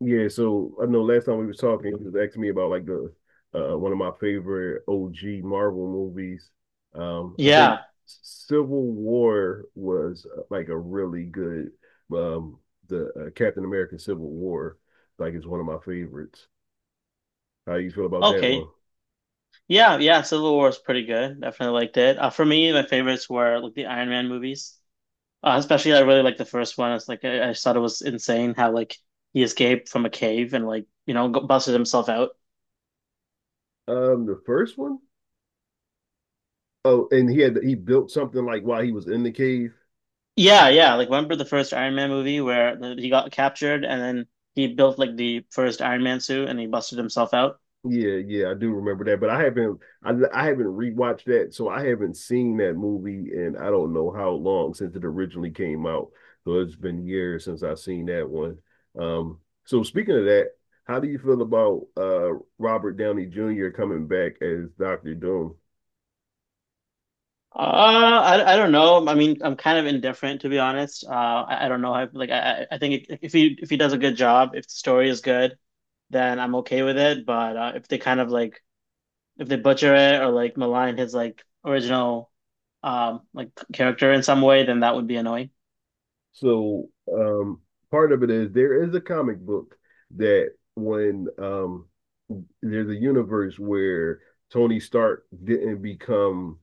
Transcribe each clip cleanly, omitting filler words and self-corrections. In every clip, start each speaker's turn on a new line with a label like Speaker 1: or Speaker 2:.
Speaker 1: Yeah, so I know last time we were talking, he was asking me about like the one of my favorite OG Marvel movies. I think
Speaker 2: Yeah.
Speaker 1: Civil War was like a really good um the Captain America Civil War like is one of my favorites. How you feel about that one?
Speaker 2: Okay. Yeah. Yeah, Civil War is pretty good. Definitely liked it. For me, my favorites were like the Iron Man movies. Especially, I really liked the first one. It's like I just thought it was insane how like he escaped from a cave and like you know busted himself out.
Speaker 1: The first one? Oh, and he built something like while he was in the cave.
Speaker 2: Yeah. Yeah. Like remember the first Iron Man movie where he got captured and then he built like the first Iron Man suit and he busted himself out.
Speaker 1: Yeah, yeah, I do remember that, but I haven't rewatched that, so I haven't seen that movie, and I don't know how long since it originally came out. So it's been years since I've seen that one. Um, so speaking of that, how do you feel about Robert Downey Jr. coming back as Doctor Doom?
Speaker 2: Uh, I don't know. I mean, I'm kind of indifferent to be honest. I don't know. I like I think it, if he does a good job, if the story is good, then I'm okay with it. But if they kind of like if they butcher it or like malign his like original like character in some way, then that would be annoying.
Speaker 1: So um, part of it is there is a comic book that when there's a universe where Tony Stark didn't become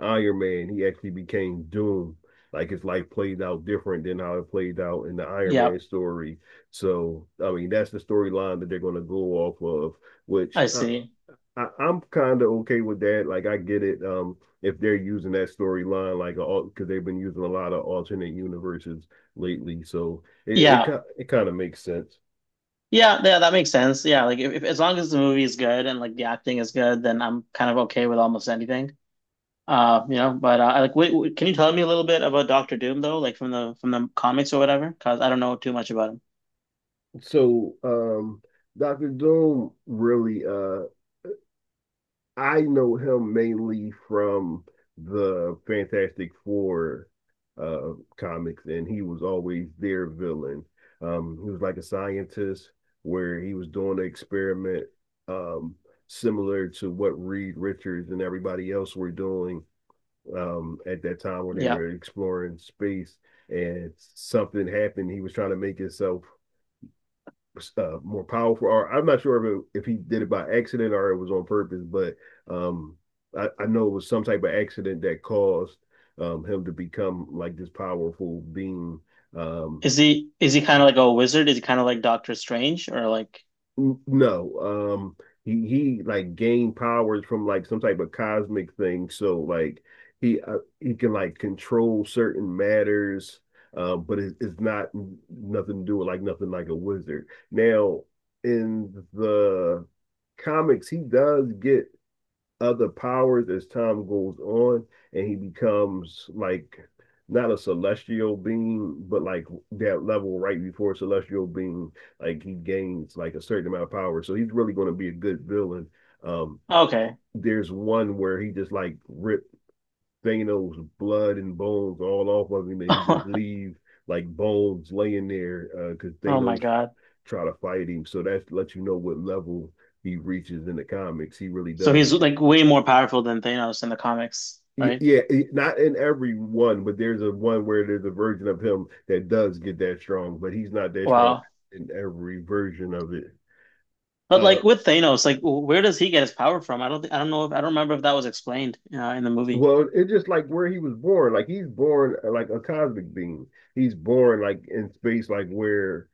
Speaker 1: Iron Man, he actually became Doom. Like his life played out different than how it played out in the Iron
Speaker 2: Yeah,
Speaker 1: Man story. So, I mean, that's the storyline that they're going to go off of, which
Speaker 2: I
Speaker 1: I,
Speaker 2: see.
Speaker 1: I'm kind of okay with that. Like, I get it. If they're using that storyline, like, because they've been using a lot of alternate universes lately, so it
Speaker 2: Yeah,
Speaker 1: it, it kind of makes sense.
Speaker 2: yeah, yeah, that makes sense. Yeah, like if as long as the movie is good and like the acting is good, then I'm kind of okay with almost anything. You know, but like, wait, wait, can you tell me a little bit about Doctor Doom though, like from the comics or whatever? Because I don't know too much about him.
Speaker 1: So, Doctor Doom really, I know him mainly from the Fantastic Four uh comics, and he was always their villain. He was like a scientist where he was doing an experiment um similar to what Reed Richards and everybody else were doing at that time when they
Speaker 2: Yeah,
Speaker 1: were exploring space and something happened. He was trying to make himself more powerful. Or I'm not sure if he did it by accident or it was on purpose, but um, I know it was some type of accident that caused him to become like this powerful being. Um,
Speaker 2: is he kind of like a wizard? Is he kind of like Doctor Strange or like
Speaker 1: No, um, he like gained powers from like some type of cosmic thing. So like he can like control certain matters, it's not nothing to do with like nothing like a wizard. Now in the comics, he does get other powers as time goes on, and he becomes like not a celestial being, but like that level right before celestial being, like he gains like a certain amount of power. So he's really going to be a good villain. Um,
Speaker 2: okay?
Speaker 1: there's one where he just like ripped Thanos' blood and bones all off of him, and he just leave like bones laying there because
Speaker 2: Oh my
Speaker 1: Thanos
Speaker 2: God!
Speaker 1: try to fight him. So that lets you know what level he reaches in the comics. He really
Speaker 2: So
Speaker 1: does.
Speaker 2: he's like way more powerful than Thanos in the comics, right?
Speaker 1: Yeah, not in every one, but there's a one where there's a version of him that does get that strong, but he's not that strong
Speaker 2: Wow.
Speaker 1: in every version of it.
Speaker 2: But
Speaker 1: Uh,
Speaker 2: like with Thanos, like where does he get his power from? I don't think I don't know if I don't remember if that was explained in the movie.
Speaker 1: well, it's just like where he was born. Like he's born like a cosmic being. He's born like in space, like where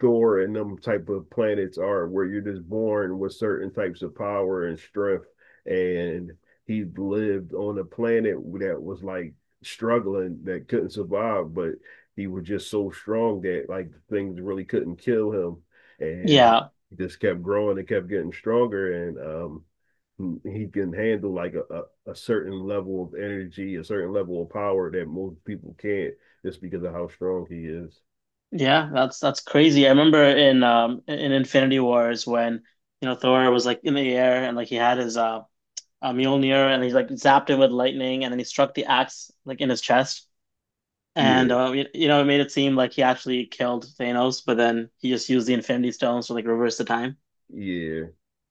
Speaker 1: Thor and them type of planets are, where you're just born with certain types of power and strength. And he lived on a planet that was like struggling, that couldn't survive, but he was just so strong that like things really couldn't kill him. And he
Speaker 2: Yeah.
Speaker 1: just kept growing and kept getting stronger. And he can handle like a certain level of energy, a certain level of power that most people can't just because of how strong he is.
Speaker 2: Yeah, that's crazy. I remember in Infinity Wars when you know Thor was like in the air and like he had his Mjolnir and he's like zapped it with lightning and then he struck the axe like in his chest and
Speaker 1: Yeah.
Speaker 2: you know it made it seem like he actually killed Thanos but then he just used the Infinity Stones to like reverse the time.
Speaker 1: Yeah.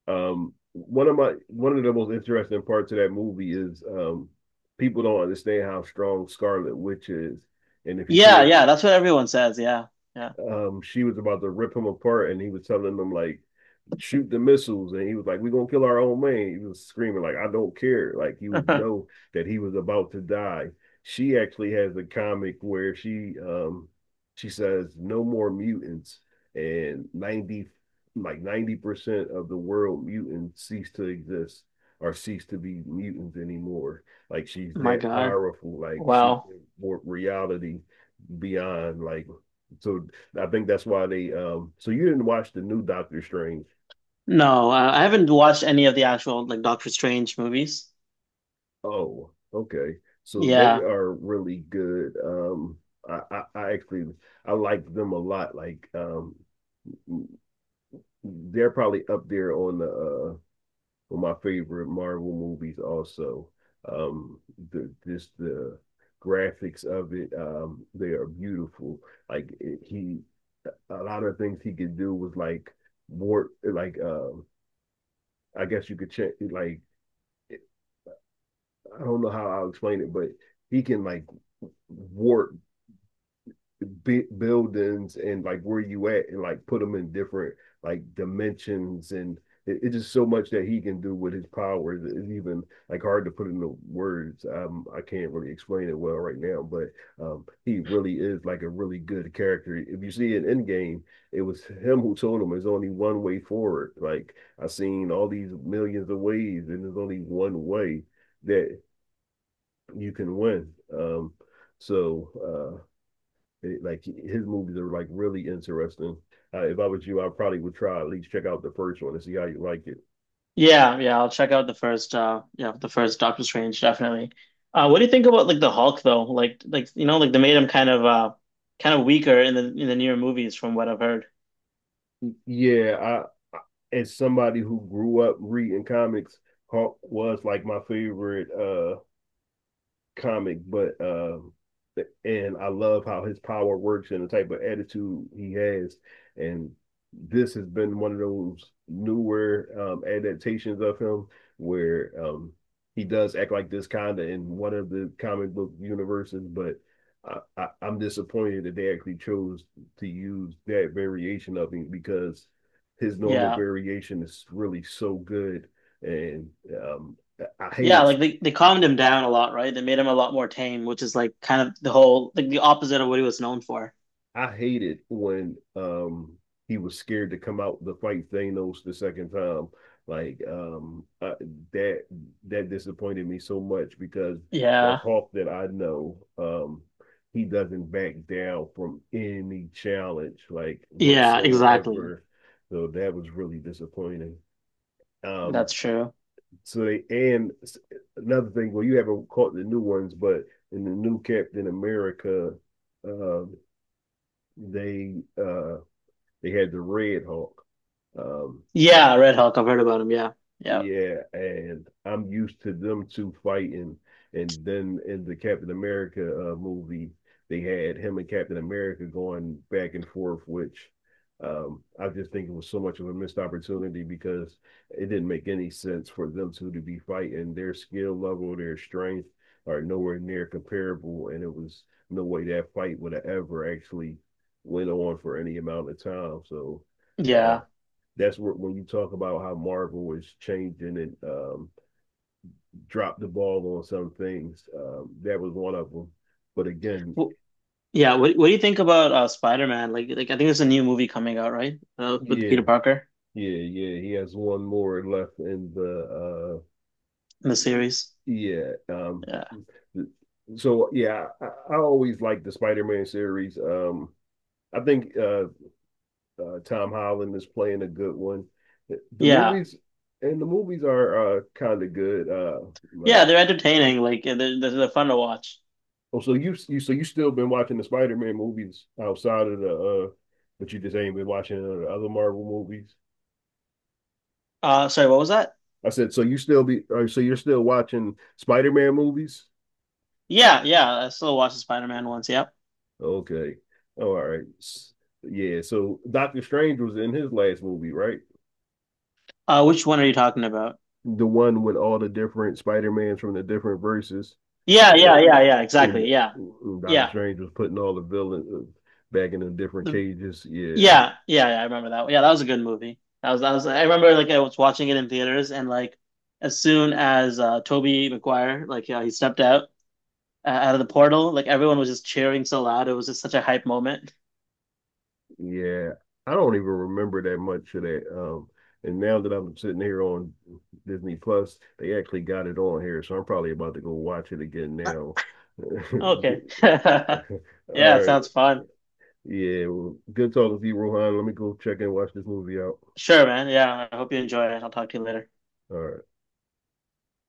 Speaker 1: One of the most interesting parts of that movie is people don't understand how strong Scarlet Witch is. And if you
Speaker 2: Yeah,
Speaker 1: pay
Speaker 2: yeah, that's what everyone says. Yeah, yeah.
Speaker 1: um, she was about to rip him apart, and he was telling them like, shoot the missiles, and he was like, "We're gonna kill our own man." He was screaming like, "I don't care!" Like he was know that he was about to die. She actually has a comic where she she says, "No more mutants," and ninety like 90% of the world mutants cease to exist or cease to be mutants anymore. Like she's
Speaker 2: My
Speaker 1: that
Speaker 2: God.
Speaker 1: powerful. Like she
Speaker 2: Wow.
Speaker 1: can warp reality beyond like so I think that's why they. So you didn't watch the new Doctor Strange?
Speaker 2: No, I haven't watched any of the actual like Doctor Strange movies.
Speaker 1: Oh, okay. So they
Speaker 2: Yeah.
Speaker 1: are really good. Um, I actually I like them a lot. Like they're probably up there on the on my favorite Marvel movies. Also, um, the just the graphics of it. They are beautiful. Like it, he, a lot of things he could do was like more like I guess you could check like I don't know how I'll explain it, but he can like warp buildings and like where you at and like put them in different like dimensions and it's just so much that he can do with his powers it's even like hard to put into words I can't really explain it well right now but he really is like a really good character if you see it in game it was him who told him there's only one way forward like I've seen all these millions of ways and there's only one way that you can win. So uh, like his movies are like really interesting. If I was you, I probably would try at least check out the first one and see how you like it.
Speaker 2: Yeah, yeah, I'll check out the first yeah, the first Doctor Strange definitely. What do you think about like the Hulk though? Like you know, like they made him kind of weaker in the newer movies from what I've heard.
Speaker 1: Yeah, I as somebody who grew up reading comics, Hawk was like my favorite comic, but and I love how his power works and the type of attitude he has. And this has been one of those newer adaptations of him where he does act like this kind of in one of the comic book universes, but. I'm disappointed that they actually chose to use that variation of him because his normal
Speaker 2: Yeah.
Speaker 1: variation is really so good and um, I
Speaker 2: Yeah,
Speaker 1: hated
Speaker 2: like they calmed him down a lot, right? They made him a lot more tame, which is like kind of the whole like the opposite of what he was known for.
Speaker 1: I hated when he was scared to come out to fight Thanos the second time. Like that that disappointed me so much because the
Speaker 2: Yeah.
Speaker 1: Hulk that I know he doesn't back down from any challenge like
Speaker 2: Yeah, exactly.
Speaker 1: whatsoever. So that was really disappointing. Um
Speaker 2: That's true.
Speaker 1: so they and Another thing, well you haven't caught the new ones, but in the new Captain America uh they uh they had the Red Hawk. Um,
Speaker 2: Yeah, Red Hulk, I've heard about him. Yeah. Yeah.
Speaker 1: yeah, and I'm used to them two fighting. And then in the Captain America movie, they had him and Captain America going back and forth, which I just think it was so much of a missed opportunity because it didn't make any sense for them two to be fighting. Their skill level, their strength are nowhere near comparable, and it was no way that fight would have ever actually went on for any amount of time. So uh,
Speaker 2: Yeah.
Speaker 1: that's where when you talk about how Marvel is changing and dropped the ball on some things. That was one of them. But again,
Speaker 2: W Yeah, what do you think about Spider-Man? Like I think there's a new movie coming out, right? With
Speaker 1: yeah,
Speaker 2: Peter Parker
Speaker 1: yeah, yeah. He has one more left in the.
Speaker 2: in the
Speaker 1: Uh,
Speaker 2: series.
Speaker 1: yeah. Um,
Speaker 2: Yeah,
Speaker 1: so yeah, I always like the Spider-Man series. I think Tom Holland is playing a good one. The
Speaker 2: yeah,
Speaker 1: movies and the movies are kind of good.
Speaker 2: yeah.
Speaker 1: Like
Speaker 2: They're entertaining. Like they're fun to watch.
Speaker 1: oh, so you still been watching the Spider Man movies outside of the but you just ain't been watching the other Marvel movies.
Speaker 2: Sorry, what was that?
Speaker 1: I said, so you still be, or so you're still watching Spider Man movies?
Speaker 2: Yeah, yeah. I still watched the Spider-Man ones. Yep.
Speaker 1: Okay, all right, S- yeah. So Doctor Strange was in his last movie, right?
Speaker 2: Which one are you talking about?
Speaker 1: The one with all the different Spider Mans from the different verses,
Speaker 2: Yeah,
Speaker 1: Uh,
Speaker 2: yeah, yeah, yeah.
Speaker 1: and
Speaker 2: Exactly. Yeah,
Speaker 1: Doctor
Speaker 2: yeah,
Speaker 1: Strange was putting all the villains back in the different
Speaker 2: the,
Speaker 1: cages. Yeah.
Speaker 2: yeah, yeah, yeah. I remember that. Yeah, that was a good movie. That was that was. I remember like I was watching it in theaters, and like as soon as Toby Maguire like he stepped out out of the portal, like everyone was just cheering so loud. It was just such a hype moment.
Speaker 1: Yeah, I don't even remember that much of that. And now that I'm sitting here on Disney Plus, they actually got it on here, so I'm probably about to go watch it again now.
Speaker 2: Okay.
Speaker 1: Good. All
Speaker 2: Yeah, it
Speaker 1: right.
Speaker 2: sounds fun.
Speaker 1: Yeah, well, good talking to you, Rohan. Let me go check and watch this movie out.
Speaker 2: Sure, man. Yeah, I hope you enjoy it. I'll talk to you later.
Speaker 1: All right.